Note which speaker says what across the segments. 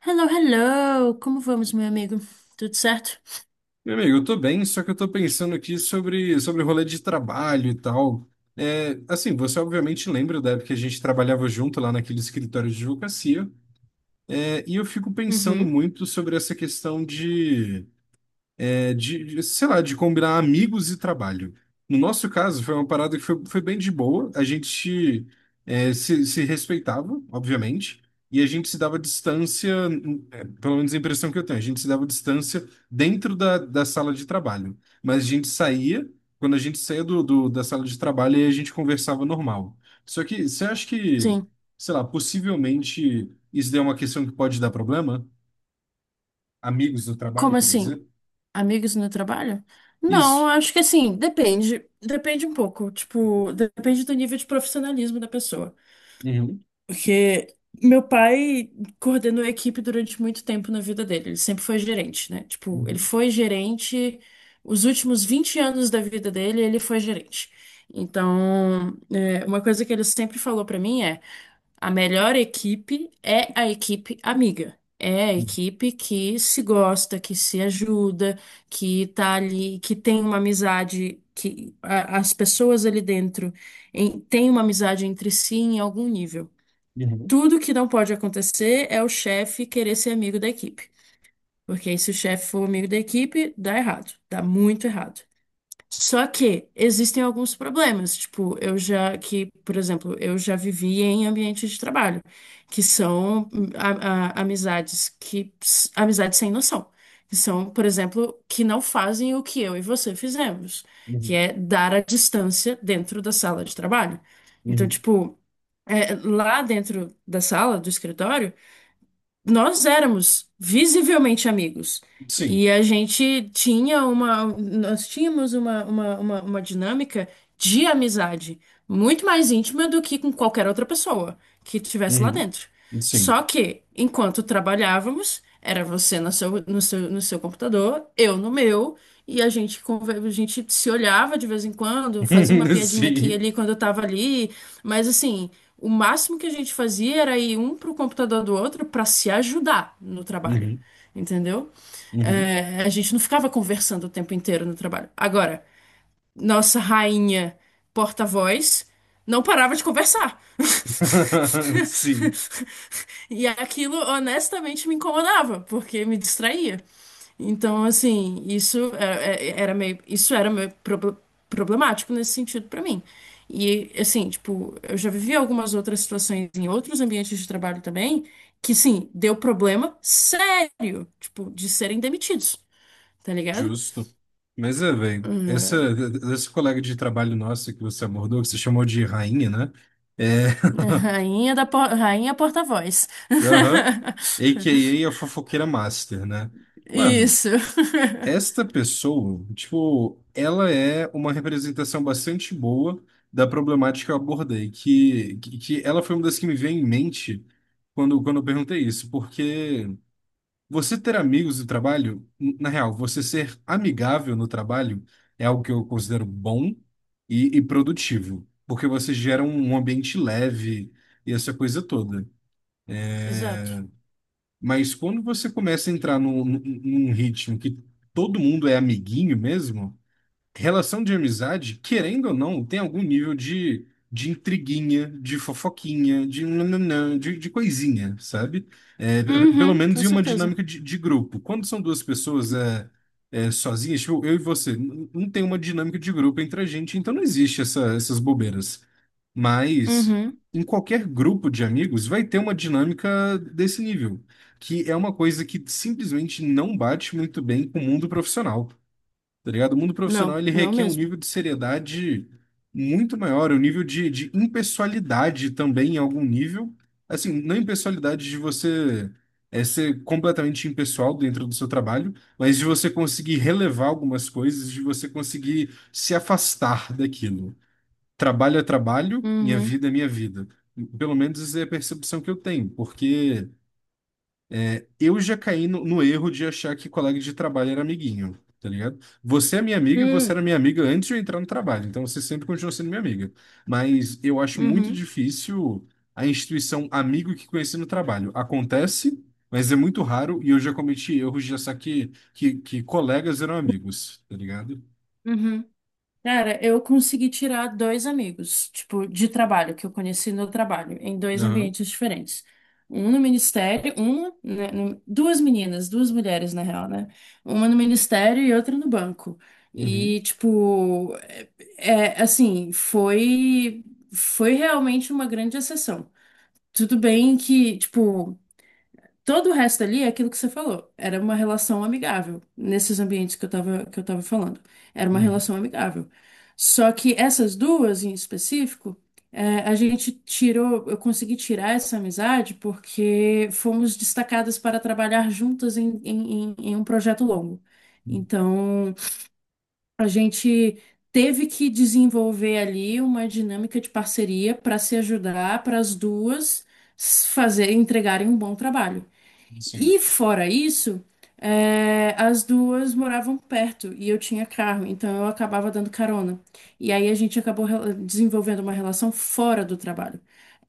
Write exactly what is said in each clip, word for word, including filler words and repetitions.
Speaker 1: Hello, hello! Como vamos, meu amigo? Tudo certo?
Speaker 2: Meu amigo, eu tô bem, só que eu tô pensando aqui sobre, sobre rolê de trabalho e tal. É, assim, você obviamente lembra da época que a gente trabalhava junto lá naquele escritório de advocacia. É, e eu fico pensando
Speaker 1: Uhum.
Speaker 2: muito sobre essa questão de é, de, de, sei lá, de combinar amigos e trabalho. No nosso caso, foi uma parada que foi, foi bem de boa. A gente é, se, se respeitava, obviamente, e a gente se dava distância, é, pelo menos a impressão que eu tenho, a gente se dava distância dentro da, da sala de trabalho. Mas a gente saía, quando a gente saía do, do- da sala de trabalho, aí a gente conversava normal. Só que você acha que,
Speaker 1: Sim.
Speaker 2: sei lá, possivelmente isso daí é uma questão que pode dar problema? Amigos do trabalho,
Speaker 1: Como
Speaker 2: quer
Speaker 1: assim?
Speaker 2: dizer?
Speaker 1: Amigos no trabalho? Não,
Speaker 2: Isso.
Speaker 1: acho que assim, depende. Depende um pouco. Tipo, depende do nível de profissionalismo da pessoa. Porque meu pai coordenou a equipe durante muito tempo na vida dele. Ele sempre foi gerente, né? Tipo, ele
Speaker 2: Uhum.
Speaker 1: foi gerente. Os últimos vinte anos da vida dele, ele foi gerente. Então, é, uma coisa que ele sempre falou pra mim é. A melhor equipe é a equipe amiga. É a equipe que se gosta, que se ajuda, que tá ali, que tem uma amizade, que a- as pessoas ali dentro em- têm uma amizade entre si em algum nível.
Speaker 2: Uhum,
Speaker 1: Tudo que não pode acontecer é o chefe querer ser amigo da equipe. Porque aí, se o chefe for amigo da equipe, dá errado, dá muito errado. Só que existem alguns problemas, tipo, eu já que, por exemplo, eu já vivi em ambientes de trabalho, que são hum, a- a- amizades que ps- amizades sem noção, que são, por exemplo, que não fazem o que eu e você fizemos, que
Speaker 2: uhum,
Speaker 1: é dar a distância dentro da sala de trabalho. Então,
Speaker 2: uhum.
Speaker 1: tipo, é, lá dentro da sala, do escritório, nós éramos visivelmente amigos.
Speaker 2: Sim.
Speaker 1: E a gente tinha uma, Nós tínhamos uma, uma, uma, uma dinâmica de amizade muito mais íntima do que com qualquer outra pessoa que estivesse lá
Speaker 2: Uhum.
Speaker 1: dentro.
Speaker 2: Sim.
Speaker 1: Só que, enquanto trabalhávamos, era você no seu, no seu, no seu computador, eu no meu, e a gente, conver- a gente se olhava de vez em quando, fazia uma piadinha aqui e
Speaker 2: Sim.
Speaker 1: ali quando eu tava ali, mas assim, o máximo que a gente fazia era ir um pro computador do outro para se ajudar no trabalho,
Speaker 2: Uhum,
Speaker 1: entendeu?
Speaker 2: uhum.
Speaker 1: É, a gente não ficava conversando o tempo inteiro no trabalho. Agora, nossa rainha porta-voz não parava de conversar.
Speaker 2: Sim.
Speaker 1: E aquilo honestamente me incomodava, porque me distraía. Então, assim, isso é- é- era meio, isso era meio prob- problemático nesse sentido pra mim. E, assim, tipo, eu já vivi algumas outras situações em outros ambientes de trabalho também, que, sim, deu problema sério, tipo, de serem demitidos, tá ligado?
Speaker 2: Justo. Mas é, velho, essa, Essa colega de trabalho nossa que você abordou, que você chamou de rainha, né? É.
Speaker 1: Rainha da, por- rainha porta-voz.
Speaker 2: Aham. AKA a a fofoqueira master, né? Mano,
Speaker 1: Isso.
Speaker 2: esta pessoa, tipo, ela é uma representação bastante boa da problemática que eu abordei, que, que, que ela foi uma das que me veio em mente quando, quando eu perguntei isso, porque você ter amigos no trabalho, n- na real, você ser amigável no trabalho é algo que eu considero bom e, e produtivo, porque você gera um, um ambiente leve e essa coisa toda.
Speaker 1: Exato.
Speaker 2: Mas quando você começa a entrar num, num num ritmo que todo mundo é amiguinho mesmo. Relação de amizade, querendo ou não, tem algum nível de, de intriguinha, de fofoquinha, de nananã, de, de coisinha, sabe? É, p- pelo
Speaker 1: Uhum,
Speaker 2: menos
Speaker 1: com
Speaker 2: em uma
Speaker 1: certeza.
Speaker 2: dinâmica de, de grupo. Quando são duas pessoas é, é, sozinhas, tipo, eu e você, n- não tem uma dinâmica de grupo entre a gente, então não existe essa- essas bobeiras. Mas
Speaker 1: Uhum.
Speaker 2: em qualquer grupo de amigos vai ter uma dinâmica desse nível, que é uma coisa que simplesmente não bate muito bem com o mundo profissional. Tá ligado? O mundo profissional
Speaker 1: Não,
Speaker 2: ele
Speaker 1: não
Speaker 2: requer um
Speaker 1: mesmo.
Speaker 2: nível de seriedade muito maior, um nível de, de impessoalidade também em algum nível. Assim, não é impessoalidade de você é, ser completamente impessoal dentro do seu trabalho, mas de você conseguir relevar algumas coisas, de você conseguir se afastar daquilo. Trabalho é trabalho, minha
Speaker 1: Uhum.
Speaker 2: vida é minha vida. Pelo menos é a percepção que eu tenho, porque eu já caí no, no erro de achar que colega de trabalho era amiguinho, tá ligado? Você é minha amiga e você
Speaker 1: Hum.
Speaker 2: era minha amiga antes de eu entrar no trabalho, então você sempre continua sendo minha amiga. Mas eu acho muito
Speaker 1: Uhum.
Speaker 2: difícil a instituição amigo que conheci no trabalho. Acontece, mas é muito raro e eu já cometi erros de achar que, que, que colegas eram amigos, tá ligado?
Speaker 1: Uhum. Cara, eu consegui tirar dois amigos, tipo, de trabalho, que eu conheci no trabalho, em dois
Speaker 2: Aham.
Speaker 1: ambientes diferentes. Um no ministério, uma, né, no- duas meninas, duas mulheres, na real, né? Uma no ministério e outra no banco.
Speaker 2: Uhum.
Speaker 1: E, tipo, é, é, assim, foi, foi realmente uma grande exceção. Tudo bem que, tipo, todo o resto ali é aquilo que você falou. Era uma relação amigável, nesses ambientes que eu tava, que eu tava falando. Era uma
Speaker 2: Uhum.
Speaker 1: relação amigável. Só que essas duas em específico, é, a gente tirou, eu consegui tirar essa amizade porque fomos destacadas para trabalhar juntas em, em, em em um projeto longo.
Speaker 2: Uhum.
Speaker 1: Então, a gente teve que desenvolver ali uma dinâmica de parceria para se ajudar, para as duas s- fazer, entregarem um bom trabalho.
Speaker 2: Sim.
Speaker 1: E fora isso, é, as duas moravam perto e eu tinha carro, então eu acabava dando carona. E aí a gente acabou rela- desenvolvendo uma relação fora do trabalho.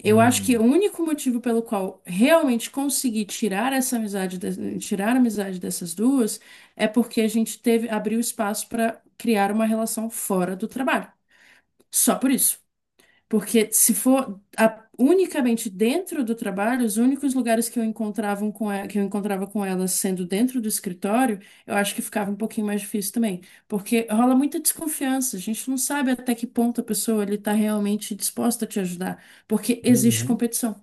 Speaker 1: Eu acho que
Speaker 2: Hum.
Speaker 1: o único motivo pelo qual realmente consegui tirar essa amizade, de- tirar a amizade dessas duas, é porque a gente teve, abriu espaço para criar uma relação fora do trabalho. Só por isso. Porque se for a- unicamente dentro do trabalho, os únicos lugares que eu encontrava com ela, que eu encontrava com ela sendo dentro do escritório, eu acho que ficava um pouquinho mais difícil também. Porque rola muita desconfiança, a gente não sabe até que ponto a pessoa ele está realmente disposta a te ajudar, porque existe
Speaker 2: Uhum.
Speaker 1: competição.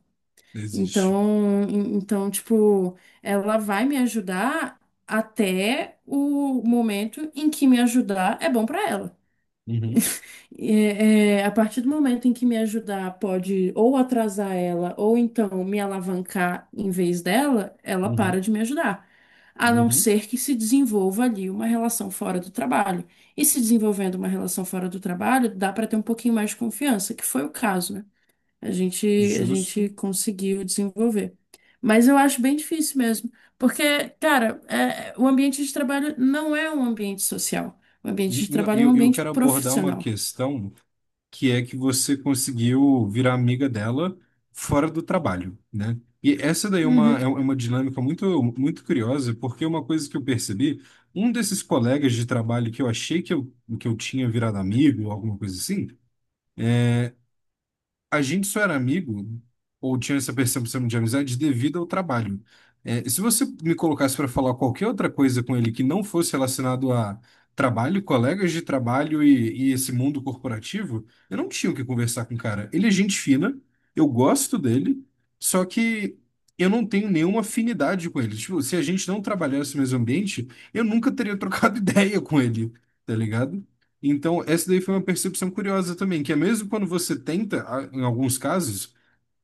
Speaker 2: Existe.
Speaker 1: Então, em- então, tipo, ela vai me ajudar até o momento em que me ajudar é bom para ela.
Speaker 2: Uhum.
Speaker 1: É, é, a partir do momento em que me ajudar pode ou atrasar ela, ou então me alavancar em vez dela, ela para
Speaker 2: Uhum.
Speaker 1: de me ajudar. A não
Speaker 2: Uhum.
Speaker 1: ser que se desenvolva ali uma relação fora do trabalho. E se desenvolvendo uma relação fora do trabalho, dá para ter um pouquinho mais de confiança, que foi o caso, né? A gente, a
Speaker 2: Justo.
Speaker 1: gente conseguiu desenvolver. Mas eu acho bem difícil mesmo, porque, cara, é, o ambiente de trabalho não é um ambiente social. O ambiente de
Speaker 2: Não,
Speaker 1: trabalho é um
Speaker 2: eu, eu
Speaker 1: ambiente
Speaker 2: quero abordar uma
Speaker 1: profissional.
Speaker 2: questão que é que você conseguiu virar amiga dela fora do trabalho, né? E essa daí é uma,
Speaker 1: Uhum.
Speaker 2: é é uma dinâmica muito, muito curiosa, porque uma coisa que eu percebi, um desses colegas de trabalho que eu achei que eu, que eu tinha virado amigo, ou alguma coisa assim, a gente só era amigo, ou tinha essa percepção de amizade, devido ao trabalho. É, se você me colocasse para falar qualquer outra coisa com ele que não fosse relacionado a trabalho, colegas de trabalho e, e esse mundo corporativo, eu não tinha o que conversar com o cara. Ele é gente fina, eu gosto dele, só que eu não tenho nenhuma afinidade com ele. Tipo, se a gente não trabalhasse no mesmo ambiente, eu nunca teria trocado ideia com ele, tá ligado? Então, essa daí foi uma percepção curiosa também, que é mesmo quando você tenta, a- em alguns casos,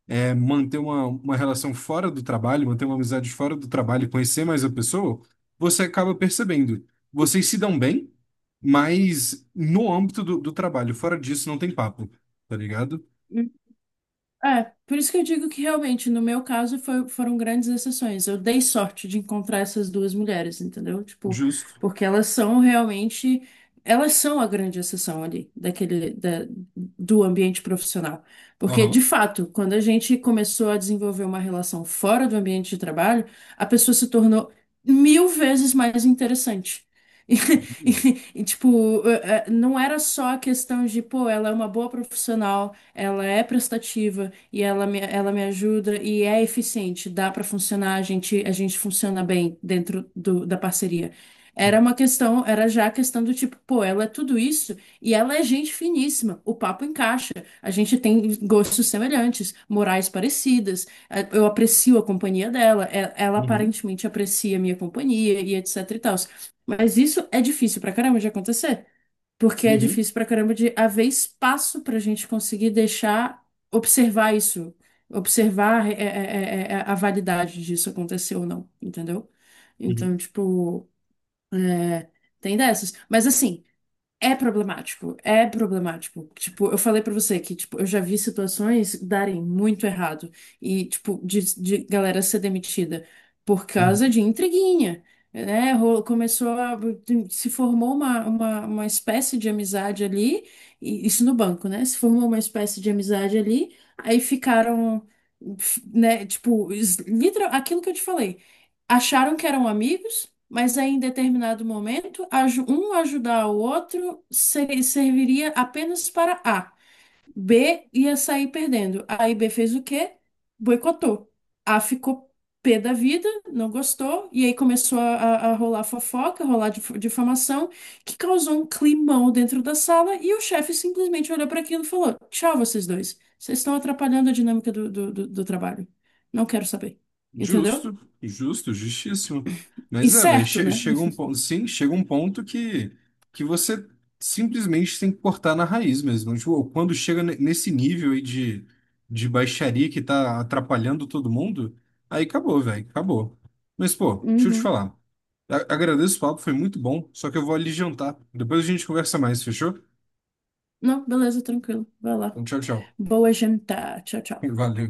Speaker 2: é, manter uma, uma relação fora do trabalho, manter uma amizade fora do trabalho, conhecer mais a pessoa, você acaba percebendo. Vocês se dão bem, mas no âmbito do, do trabalho, fora disso não tem papo, tá ligado?
Speaker 1: É, por isso que eu digo que realmente, no meu caso, foi- foram grandes exceções. Eu dei sorte de encontrar essas duas mulheres, entendeu? Tipo,
Speaker 2: Justo.
Speaker 1: porque elas são realmente, elas são a grande exceção ali, daquele, da- do ambiente profissional. Porque, de
Speaker 2: Aham.
Speaker 1: fato, quando a gente começou a desenvolver uma relação fora do ambiente de trabalho, a pessoa se tornou mil vezes mais interessante.
Speaker 2: Uhum.
Speaker 1: E, e, tipo, eh, eh, não era só a questão de, pô, ela é uma boa profissional, ela é prestativa e ela me, ela me ajuda e é eficiente, dá para funcionar, a gente, a gente funciona bem dentro do, da parceria. Era uma questão, era já a questão do tipo, pô, ela é tudo isso e ela é gente finíssima, o papo encaixa, a gente tem gostos semelhantes, morais parecidas, eh, eu aprecio a companhia dela, eh, ela
Speaker 2: Uhum.
Speaker 1: aparentemente aprecia a minha companhia e etc e tal. Mas isso é difícil pra caramba de acontecer porque é difícil pra caramba de haver espaço pra gente conseguir deixar observar isso, observar é, é, é, é, é, a validade disso acontecer ou não, entendeu?
Speaker 2: Uhum.
Speaker 1: Então, tipo, é, tem dessas. Mas assim. É problemático, é problemático. Tipo, eu falei pra você que, tipo, eu já vi situações darem muito errado e, tipo, de, de galera ser demitida por causa
Speaker 2: Uhum.
Speaker 1: de intriguinha, né? Ro- Começou a, se formou uma, uma, uma espécie de amizade ali, e isso no banco, né? Se formou uma espécie de amizade ali, aí ficaram, né? Tipo, es- literal- aquilo que eu te falei. Acharam que eram amigos. Mas aí, em determinado momento, aju- um ajudar o outro seri- serviria apenas para A. B ia sair perdendo. Aí B fez o quê? Boicotou. A ficou pé da vida, não gostou, e aí começou a, a- a rolar fofoca, rolar dif- difamação, que causou um climão dentro da sala, e o chefe simplesmente olhou para aquilo e falou: Tchau, vocês dois. Vocês estão atrapalhando a dinâmica do, do do- do trabalho. Não quero saber. Entendeu?
Speaker 2: Justo, justo, justíssimo.
Speaker 1: E
Speaker 2: Mas é, velho,
Speaker 1: certo,
Speaker 2: che-
Speaker 1: né?
Speaker 2: chega um ponto, sim, chega um ponto que, que você simplesmente tem que cortar na raiz mesmo. Tipo, quando chega ne- nesse nível aí de, de baixaria que tá atrapalhando todo mundo, aí acabou, velho, acabou. Mas, pô, deixa eu te
Speaker 1: Uhum.
Speaker 2: falar. A- agradeço o papo, foi muito bom, só que eu vou ali jantar. Depois a gente conversa mais, fechou?
Speaker 1: Não, beleza, tranquilo. Vai lá.
Speaker 2: Então, tchau, tchau.
Speaker 1: Boa jantar. Tchau, tchau.
Speaker 2: Valeu.